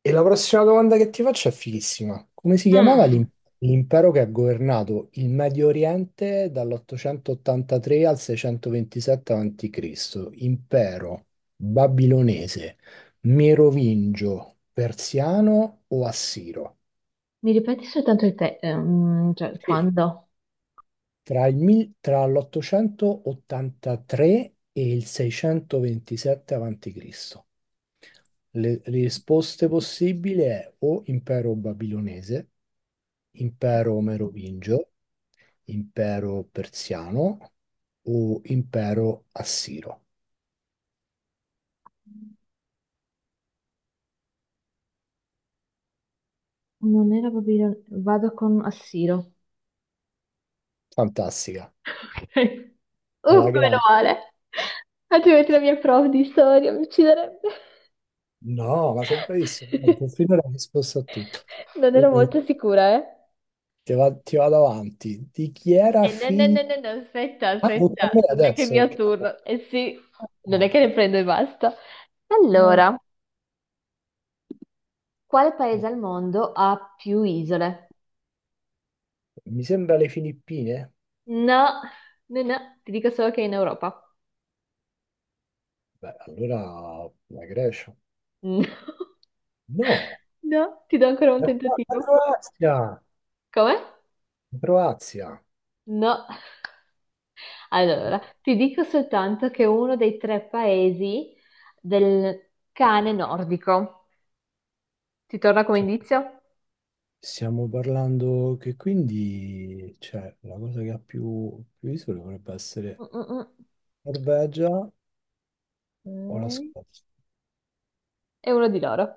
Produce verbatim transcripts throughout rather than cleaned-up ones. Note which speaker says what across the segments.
Speaker 1: E la prossima domanda che ti faccio è fighissima. Come si chiamava
Speaker 2: Mm.
Speaker 1: l'im- l'impero che ha governato il Medio Oriente dall'ottocentoottantatré al seicentoventisette avanti Cristo? Impero babilonese, merovingio, persiano o assiro?
Speaker 2: Mi ripeti soltanto il te, ehm, cioè
Speaker 1: Sì.
Speaker 2: quando?
Speaker 1: Tra il mil- tra l'ottocentoottantatré e il seicentoventisette avanti Cristo. Le risposte possibili è o impero babilonese, impero merovingio, impero persiano o impero assiro.
Speaker 2: Non era Babilonia, vado con Assiro.
Speaker 1: Fantastica.
Speaker 2: Ok. Uh,
Speaker 1: Alla
Speaker 2: meno
Speaker 1: grande.
Speaker 2: male. Altrimenti la mia prof di storia mi ucciderebbe.
Speaker 1: No, ma sei bravissimo. Guarda, finora hai risposto a tutto.
Speaker 2: Non
Speaker 1: Eh.
Speaker 2: ero molto sicura, eh?
Speaker 1: Ti va- ti vado avanti. Di chi era
Speaker 2: Eh, no, no,
Speaker 1: figlio?
Speaker 2: no, no, no, aspetta,
Speaker 1: Ah,
Speaker 2: aspetta.
Speaker 1: tocca a me
Speaker 2: è Anche il
Speaker 1: adesso.
Speaker 2: mio
Speaker 1: Che-
Speaker 2: turno. Eh sì, non è
Speaker 1: ah,
Speaker 2: che ne prendo e basta.
Speaker 1: ah,
Speaker 2: Allora, quale paese
Speaker 1: no.
Speaker 2: al mondo ha più isole?
Speaker 1: Mi sembra le Filippine.
Speaker 2: No, no, no, ti dico solo che è in Europa.
Speaker 1: Beh, allora la Grecia.
Speaker 2: No.
Speaker 1: No.
Speaker 2: No, ti do ancora un
Speaker 1: La Cro- la
Speaker 2: tentativo.
Speaker 1: Croazia,
Speaker 2: Come?
Speaker 1: la Croazia.
Speaker 2: No. Allora, ti dico soltanto che è uno dei tre paesi del cane nordico. Ti torna come
Speaker 1: Cioè,
Speaker 2: indizio?
Speaker 1: stiamo parlando che quindi, cioè, la cosa che ha più, più isole dovrebbe
Speaker 2: Mm,
Speaker 1: essere
Speaker 2: mm, mm.
Speaker 1: Norvegia o la
Speaker 2: Ok.
Speaker 1: Scozia?
Speaker 2: È uno di loro.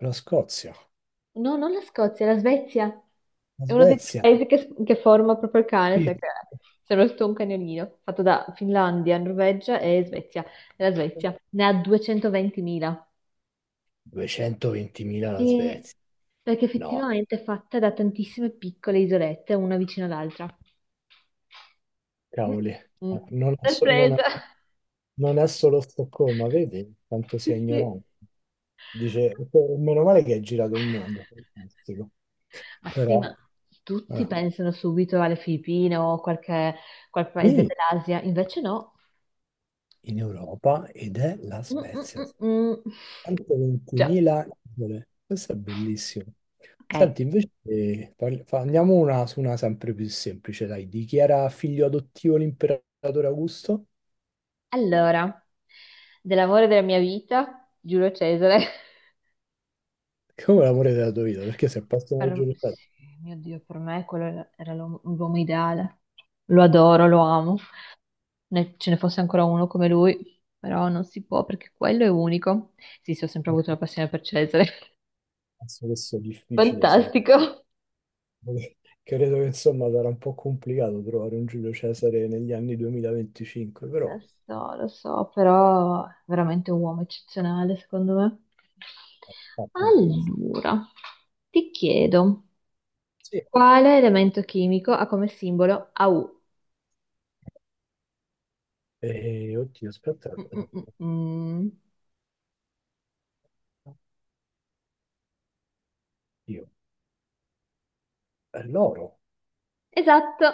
Speaker 1: La Scozia,
Speaker 2: No, non la Scozia, la Svezia.
Speaker 1: la
Speaker 2: È uno dei tre
Speaker 1: Svezia.
Speaker 2: paesi che, che forma proprio il cane,
Speaker 1: Sì.
Speaker 2: sai che sembra tutto un cagnolino, fatto da Finlandia, Norvegia e Svezia. E La Svezia ne ha duecentoventimila.
Speaker 1: duecentoventimila la
Speaker 2: E-
Speaker 1: Svezia.
Speaker 2: Perché
Speaker 1: No,
Speaker 2: effettivamente è fatta da tantissime piccole isolette, una vicino all'altra. Mm,
Speaker 1: cavoli,
Speaker 2: mm.
Speaker 1: non è, so- non è-
Speaker 2: Sorpresa!
Speaker 1: non è solo Stoccolma, vedi quanto sia
Speaker 2: Sì, sì.
Speaker 1: ignorante. Dice, meno male che hai girato il mondo, fantastico.
Speaker 2: Ma sì, ma
Speaker 1: Però,
Speaker 2: tutti
Speaker 1: eh.
Speaker 2: pensano subito alle Filippine o qualche, qual paese
Speaker 1: Dimmi,
Speaker 2: dell'Asia, invece no.
Speaker 1: in Europa ed è la
Speaker 2: Mm, mm,
Speaker 1: Svezia.
Speaker 2: mm, mm. Già,
Speaker 1: centoventimila isole. Questo è bellissimo.
Speaker 2: ok.
Speaker 1: Senti, invece eh, parli- fa- andiamo una, su una sempre più semplice, dai. Di chi era figlio adottivo l'imperatore Augusto?
Speaker 2: Allora, dell'amore della mia vita, Giulio Cesare.
Speaker 1: Come l'amore della tua vita? Perché se passa una
Speaker 2: Per-
Speaker 1: giornata,
Speaker 2: sì, mio Dio, per me quello era l'uomo l'uomo ideale. Lo adoro, lo amo. Ne- ce ne fosse ancora uno come lui, però non si può perché quello è unico. Sì, sì, ho sempre avuto una passione per Cesare.
Speaker 1: penso che sia difficile, sì.
Speaker 2: Fantastico.
Speaker 1: Credo che insomma sarà un po' complicato trovare un Giulio Cesare negli anni duemilaventicinque,
Speaker 2: Lo
Speaker 1: però...
Speaker 2: so, lo so, però è veramente un uomo eccezionale, secondo me. Allora, ti chiedo,
Speaker 1: Sì.
Speaker 2: quale elemento chimico ha come simbolo A U?
Speaker 1: Eh, oddio, aspetta,
Speaker 2: Mm, mm,
Speaker 1: aspetta.
Speaker 2: mm, mm.
Speaker 1: Io. È l'oro.
Speaker 2: Esatto.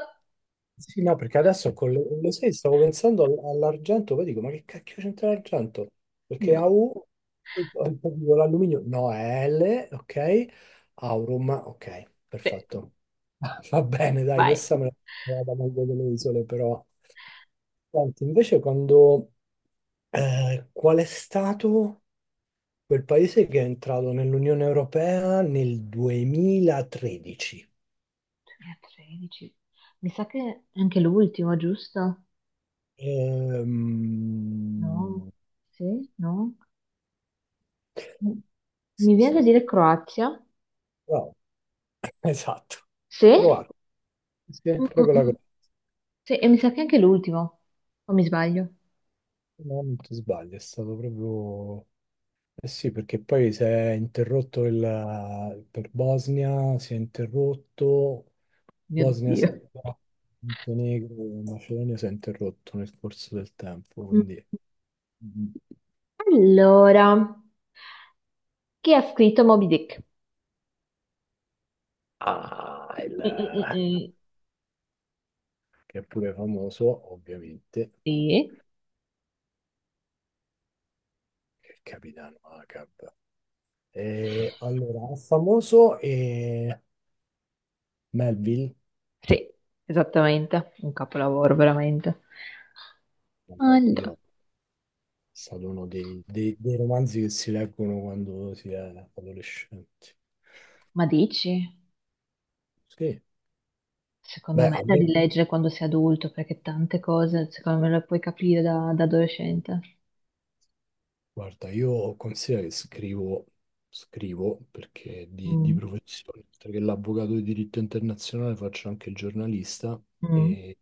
Speaker 1: Sì, no, perché adesso con le, lo sai, stavo pensando all- all'argento, poi dico, ma che cacchio c'entra l'argento? Perché
Speaker 2: No.
Speaker 1: A U, eh, poi dico, l'alluminio, no, è L, ok, aurum, ok,
Speaker 2: Sì,
Speaker 1: perfetto. Va bene, dai,
Speaker 2: vai.
Speaker 1: questa me la vado meglio delle isole, però. Senti, invece quando, eh, qual è stato quel paese che è entrato nell'Unione Europea nel duemilatredici?
Speaker 2: tredici. Mi sa che è anche l'ultimo, giusto? No,
Speaker 1: Ehm,
Speaker 2: sì, no.
Speaker 1: sì,
Speaker 2: Mi viene da
Speaker 1: sì.
Speaker 2: dire Croazia?
Speaker 1: Esatto,
Speaker 2: Sì?
Speaker 1: croato, sì, è
Speaker 2: Mm, mm,
Speaker 1: proprio la
Speaker 2: mm.
Speaker 1: Croazia,
Speaker 2: Sì, e mi sa che anche l'ultimo, o mi sbaglio?
Speaker 1: no, non ti sbagli, è stato proprio... Eh sì, perché poi si è interrotto il... per Bosnia, si è interrotto,
Speaker 2: Mio
Speaker 1: Bosnia,
Speaker 2: Dio.
Speaker 1: Serbia, Montenegro, Macedonia si è interrotto nel corso del tempo,
Speaker 2: Mm.
Speaker 1: quindi... Mm.
Speaker 2: Allora, chi ha scritto Moby Dick?
Speaker 1: Ah, il...
Speaker 2: Mm, mm, mm, mm.
Speaker 1: che è pure famoso, ovviamente,
Speaker 2: Sì,
Speaker 1: il capitano Ahab. E, allora, famoso e Melville,
Speaker 2: Sì, esattamente, un capolavoro veramente.
Speaker 1: vabbè,
Speaker 2: Allora,
Speaker 1: quello stato uno dei, dei- dei romanzi che si leggono quando si è adolescenti.
Speaker 2: ma dici?
Speaker 1: Sì,
Speaker 2: Secondo
Speaker 1: beh,
Speaker 2: me è
Speaker 1: a
Speaker 2: da
Speaker 1: me-
Speaker 2: rileggere quando sei adulto, perché tante cose, secondo me, le puoi capire da, da adolescente.
Speaker 1: guarda, io considero che scrivo, scrivo perché di, di
Speaker 2: Mm,
Speaker 1: professione, oltre che l'avvocato di diritto internazionale faccio anche il giornalista
Speaker 2: mm.
Speaker 1: e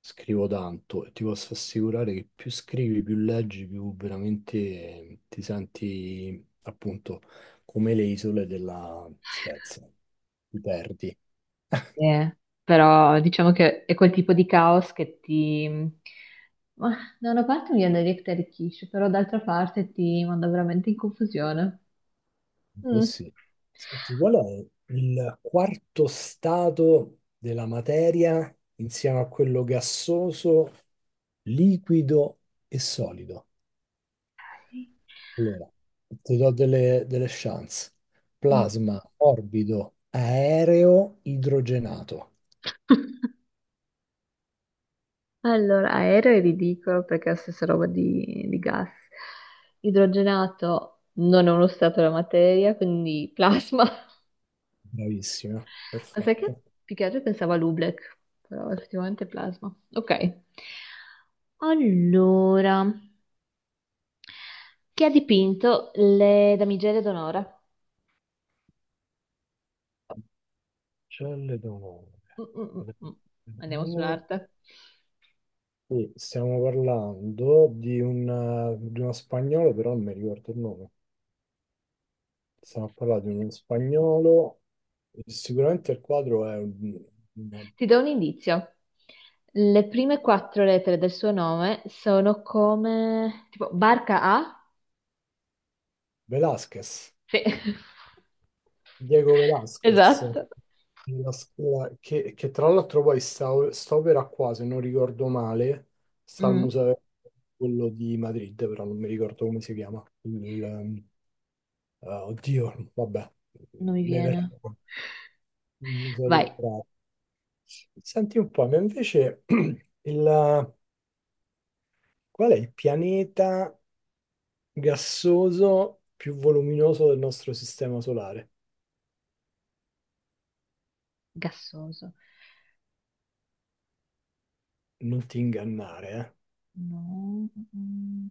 Speaker 1: scrivo tanto e ti posso assicurare che più scrivi, più leggi, più veramente eh, ti senti appunto come le isole della Svezia, ti perdi.
Speaker 2: Eh, però diciamo che è quel tipo di caos che ti... Ma, da una parte mi viene da dire che ti arricchisce, però d'altra parte ti manda veramente in confusione.
Speaker 1: Un po'
Speaker 2: Mm.
Speaker 1: sì. Senti, qual è il quarto stato della materia insieme a quello gassoso, liquido e solido? Allora, ti do delle, delle chance.
Speaker 2: Mm.
Speaker 1: Plasma, morbido, aereo, idrogenato.
Speaker 2: Allora, aereo è ridicolo perché è la stessa roba di, di gas. Idrogenato non è uno stato della materia, quindi plasma. Ma
Speaker 1: Bravissima,
Speaker 2: sai che
Speaker 1: perfetto.
Speaker 2: più che altro pensavo a Lublek, però effettivamente è plasma. Ok. Allora. Chi ha dipinto le damigelle d'onore?
Speaker 1: Ancelle d'onore.
Speaker 2: Mm, mm, mm, mm. Andiamo
Speaker 1: D'onore.
Speaker 2: sull'arte.
Speaker 1: Sì, stiamo parlando di un, eh, di uno spagnolo, però non mi ricordo il nome. Stiamo a parlare di uno spagnolo. Sicuramente il quadro è un, un
Speaker 2: Ti do un indizio. Le prime quattro lettere del suo nome sono come... Tipo, barca A?
Speaker 1: Velázquez,
Speaker 2: Sì,
Speaker 1: Diego Velázquez,
Speaker 2: esatto.
Speaker 1: della scuola- che, che tra l'altro poi sta, sta opera qua, se non ricordo male, sta al
Speaker 2: Mm,
Speaker 1: museo quello di Madrid, però non mi ricordo come si chiama. Il, ehm, ah, oddio, vabbè,
Speaker 2: non mi
Speaker 1: mi verrà
Speaker 2: viene.
Speaker 1: il museo del
Speaker 2: Vai,
Speaker 1: Prado. Senti un po', ma invece il, qual è il pianeta gassoso più voluminoso del nostro sistema solare?
Speaker 2: gassoso.
Speaker 1: Non ti ingannare, eh.
Speaker 2: No, mm, mm.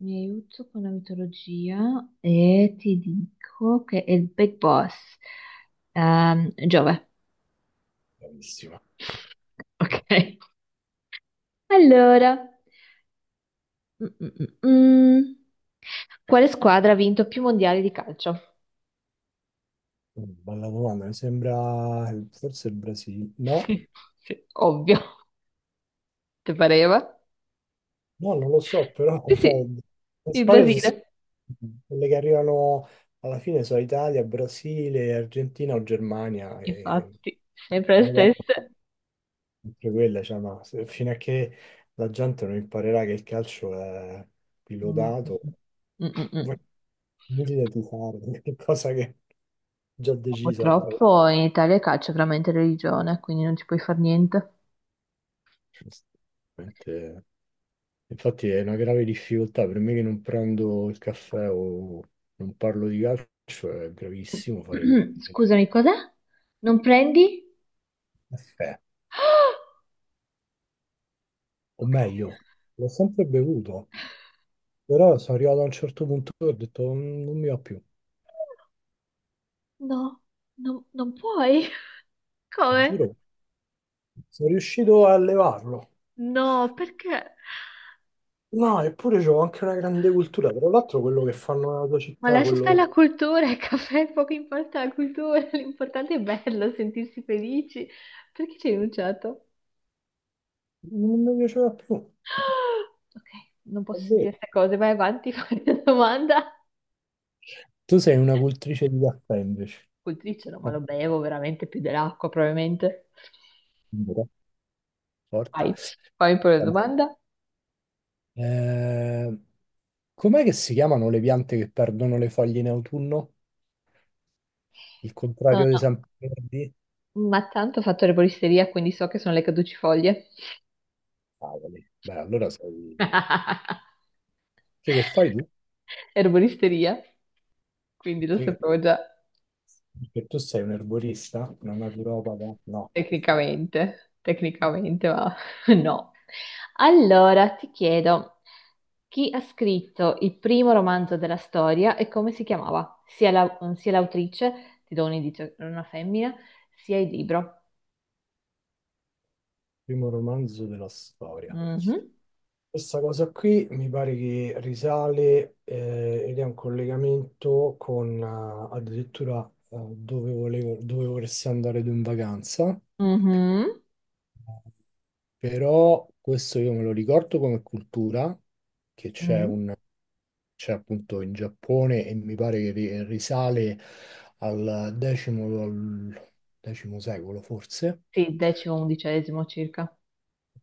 Speaker 2: mi aiuto con la mitologia e ti dico che è il Big Boss. Ehm, Giove.
Speaker 1: Bravissima.
Speaker 2: Ok. Allora, mm, mm, mm, mm. quale squadra ha vinto più mondiali di calcio?
Speaker 1: Bella domanda, mi sembra forse il Brasile. No,
Speaker 2: Sì, sì, ovvio, ti pareva?
Speaker 1: no, non lo so, però
Speaker 2: Sì,
Speaker 1: so-
Speaker 2: sì,
Speaker 1: le
Speaker 2: il
Speaker 1: squadre sono
Speaker 2: Brasile.
Speaker 1: quelle che arrivano alla fine sono Italia, Brasile, Argentina o Germania e
Speaker 2: Infatti. Sempre le
Speaker 1: le guardo
Speaker 2: stesse.
Speaker 1: sempre quella, cioè, ma se- fino a che la gente non imparerà che il calcio è
Speaker 2: Mm, mm,
Speaker 1: pilotato,
Speaker 2: mm, mm.
Speaker 1: è
Speaker 2: mm.
Speaker 1: inutile tifare, è qualcosa che già decisa. Eh,
Speaker 2: Purtroppo in Italia il calcio è veramente religione, quindi non ci puoi fare niente.
Speaker 1: giustamente. Infatti è una grave difficoltà per me che non prendo il caffè o non parlo di calcio, è gravissimo fare pubblica.
Speaker 2: Scusami, cos'è? Non prendi?
Speaker 1: Caffè.
Speaker 2: Ah,
Speaker 1: O
Speaker 2: ok.
Speaker 1: meglio, l'ho sempre bevuto, però sono arrivato a un certo punto e ho detto "Mm, non mi va più,
Speaker 2: No, non non puoi. Come?
Speaker 1: giuro, sono riuscito a levarlo."
Speaker 2: No, perché?
Speaker 1: No, eppure c'ho anche una grande cultura, tra l'altro quello che fanno nella tua
Speaker 2: Ma
Speaker 1: città,
Speaker 2: lascia stare
Speaker 1: quello
Speaker 2: la cultura, il caffè, poco importa la cultura, l'importante è bello, sentirsi felici. Perché ci hai rinunciato?
Speaker 1: non mi piaceva più,
Speaker 2: Ok, non
Speaker 1: è
Speaker 2: posso dire
Speaker 1: vero.
Speaker 2: queste cose, vai avanti, fai la domanda.
Speaker 1: Tu sei una cultrice di caffè invece.
Speaker 2: Coltricelo, ma lo bevo veramente più dell'acqua, probabilmente.
Speaker 1: Eh, Forte.
Speaker 2: Vai, fammi pure la domanda.
Speaker 1: Eh, com'è che si chiamano le piante che perdono le foglie in autunno? Il
Speaker 2: No,
Speaker 1: contrario dei
Speaker 2: no,
Speaker 1: sempreverdi?
Speaker 2: ma tanto ho fatto erboristeria, quindi so che sono le caducifoglie.
Speaker 1: Cavoli. Beh, allora sei... Che, che fai tu?
Speaker 2: Erboristeria, quindi lo
Speaker 1: Perché,
Speaker 2: sapevo già
Speaker 1: perché tu sei un erborista, una naturopata? No, no, che fai?
Speaker 2: tecnicamente, tecnicamente, ma no. Allora, ti chiedo, chi ha scritto il primo romanzo della storia e come si chiamava? Sia la- sia l'autrice, ti do un indizio, era una femmina, sia il libro.
Speaker 1: Primo romanzo della storia.
Speaker 2: Mhm,
Speaker 1: Questa cosa qui mi pare che risale eh, ed è un collegamento con eh, addirittura eh, dove volevo, dove vorresti andare tu in vacanza.
Speaker 2: mhm,
Speaker 1: Però questo io me lo ricordo come cultura, che c'è
Speaker 2: mm.
Speaker 1: un- c'è appunto in Giappone e mi pare che ri- risale al X, al X secolo forse,
Speaker 2: Sì, decimo, undicesimo circa.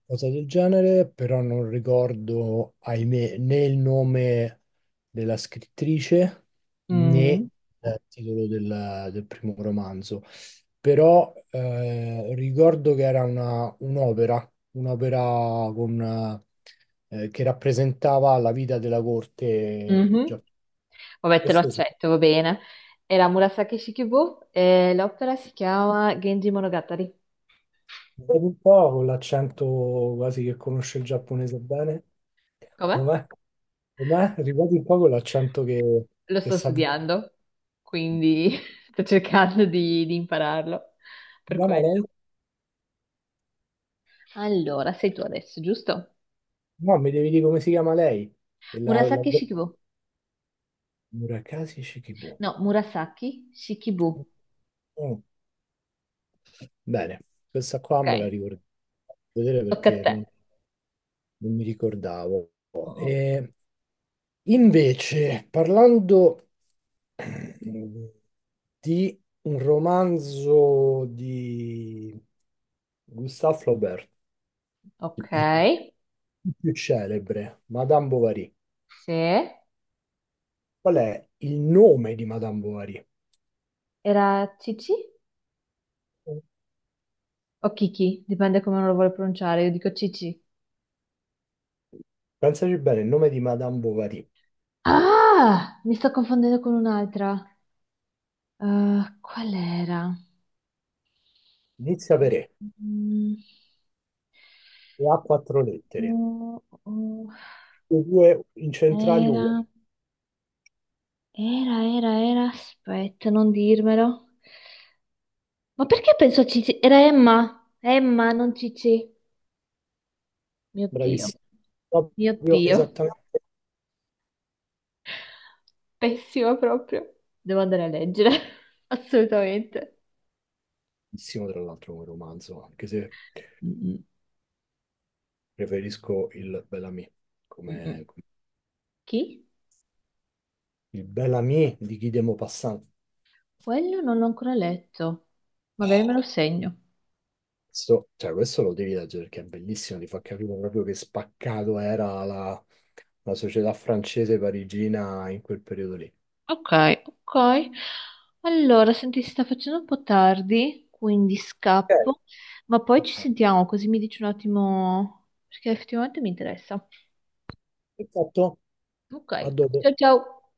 Speaker 1: cosa del genere, però non ricordo, ahimè, né il nome della scrittrice né
Speaker 2: Mm,
Speaker 1: il titolo del, del primo romanzo. Però eh, ricordo che era una- un'opera, un'opera con, eh, che rappresentava la vita della corte.
Speaker 2: mhm. Vabbè, te lo
Speaker 1: Questo sì.
Speaker 2: accetto, va bene. Era Murasaki Shikibu e l'opera si chiama Genji Monogatari.
Speaker 1: Vedi un po' con l'accento quasi che conosce il giapponese bene.
Speaker 2: Come?
Speaker 1: Com'è? Com'è? Ripeti un po' con l'accento che,
Speaker 2: Lo
Speaker 1: che
Speaker 2: sto
Speaker 1: sa.
Speaker 2: studiando, quindi sto cercando di di impararlo per
Speaker 1: Chiama lei?
Speaker 2: quello. Allora, sei tu adesso, giusto?
Speaker 1: No, mi devi dire come si chiama lei. E la, la...
Speaker 2: Murasaki Shikibu.
Speaker 1: Murakami Shikibu.
Speaker 2: No, Murasaki Shikibu.
Speaker 1: Mm. Bene, questa qua me
Speaker 2: Ok,
Speaker 1: la ricordo. Vedere
Speaker 2: tocca a
Speaker 1: perché
Speaker 2: te.
Speaker 1: non, non mi ricordavo.
Speaker 2: Mm,
Speaker 1: E invece, parlando di un romanzo di Gustave Flaubert,
Speaker 2: Ok,
Speaker 1: il più celebre, Madame Bovary.
Speaker 2: se
Speaker 1: Qual è il nome di Madame Bovary?
Speaker 2: era Cici o Kiki, dipende come uno lo vuole pronunciare, io dico Cici.
Speaker 1: Pensaci bene, il nome di Madame Bovary
Speaker 2: Ah, mi sto confondendo con un'altra. Eh, qual era?
Speaker 1: inizia per E
Speaker 2: Mm,
Speaker 1: e ha quattro lettere,
Speaker 2: mm, mm.
Speaker 1: le due incentrali U E,
Speaker 2: Era, era, era, era, aspetta, non dirmelo. Ma perché penso a Cici? Era Emma. Emma, non Cici. Mio Dio,
Speaker 1: bravissimo,
Speaker 2: mio
Speaker 1: proprio
Speaker 2: Dio.
Speaker 1: esattamente
Speaker 2: Pessima proprio. Devo andare a leggere. Assolutamente.
Speaker 1: bravissimo tra l'altro come romanzo, anche se
Speaker 2: Mm,
Speaker 1: preferisco il Bellamy,
Speaker 2: mm, mm.
Speaker 1: come, come-
Speaker 2: Chi?
Speaker 1: il Bellamy di Guy de Maupassant.
Speaker 2: Quello non l'ho ancora letto. Magari me lo segno.
Speaker 1: Questo, cioè, questo lo devi leggere perché è bellissimo, ti fa capire proprio che spaccato era la, la società francese parigina in quel periodo lì.
Speaker 2: Ok, ok. Allora, senti, si sta facendo un po' tardi, quindi
Speaker 1: Ok,
Speaker 2: scappo. Ma poi ci sentiamo, così mi dici un attimo, perché effettivamente mi interessa.
Speaker 1: perfetto,
Speaker 2: Ok,
Speaker 1: a dopo.
Speaker 2: ciao ciao.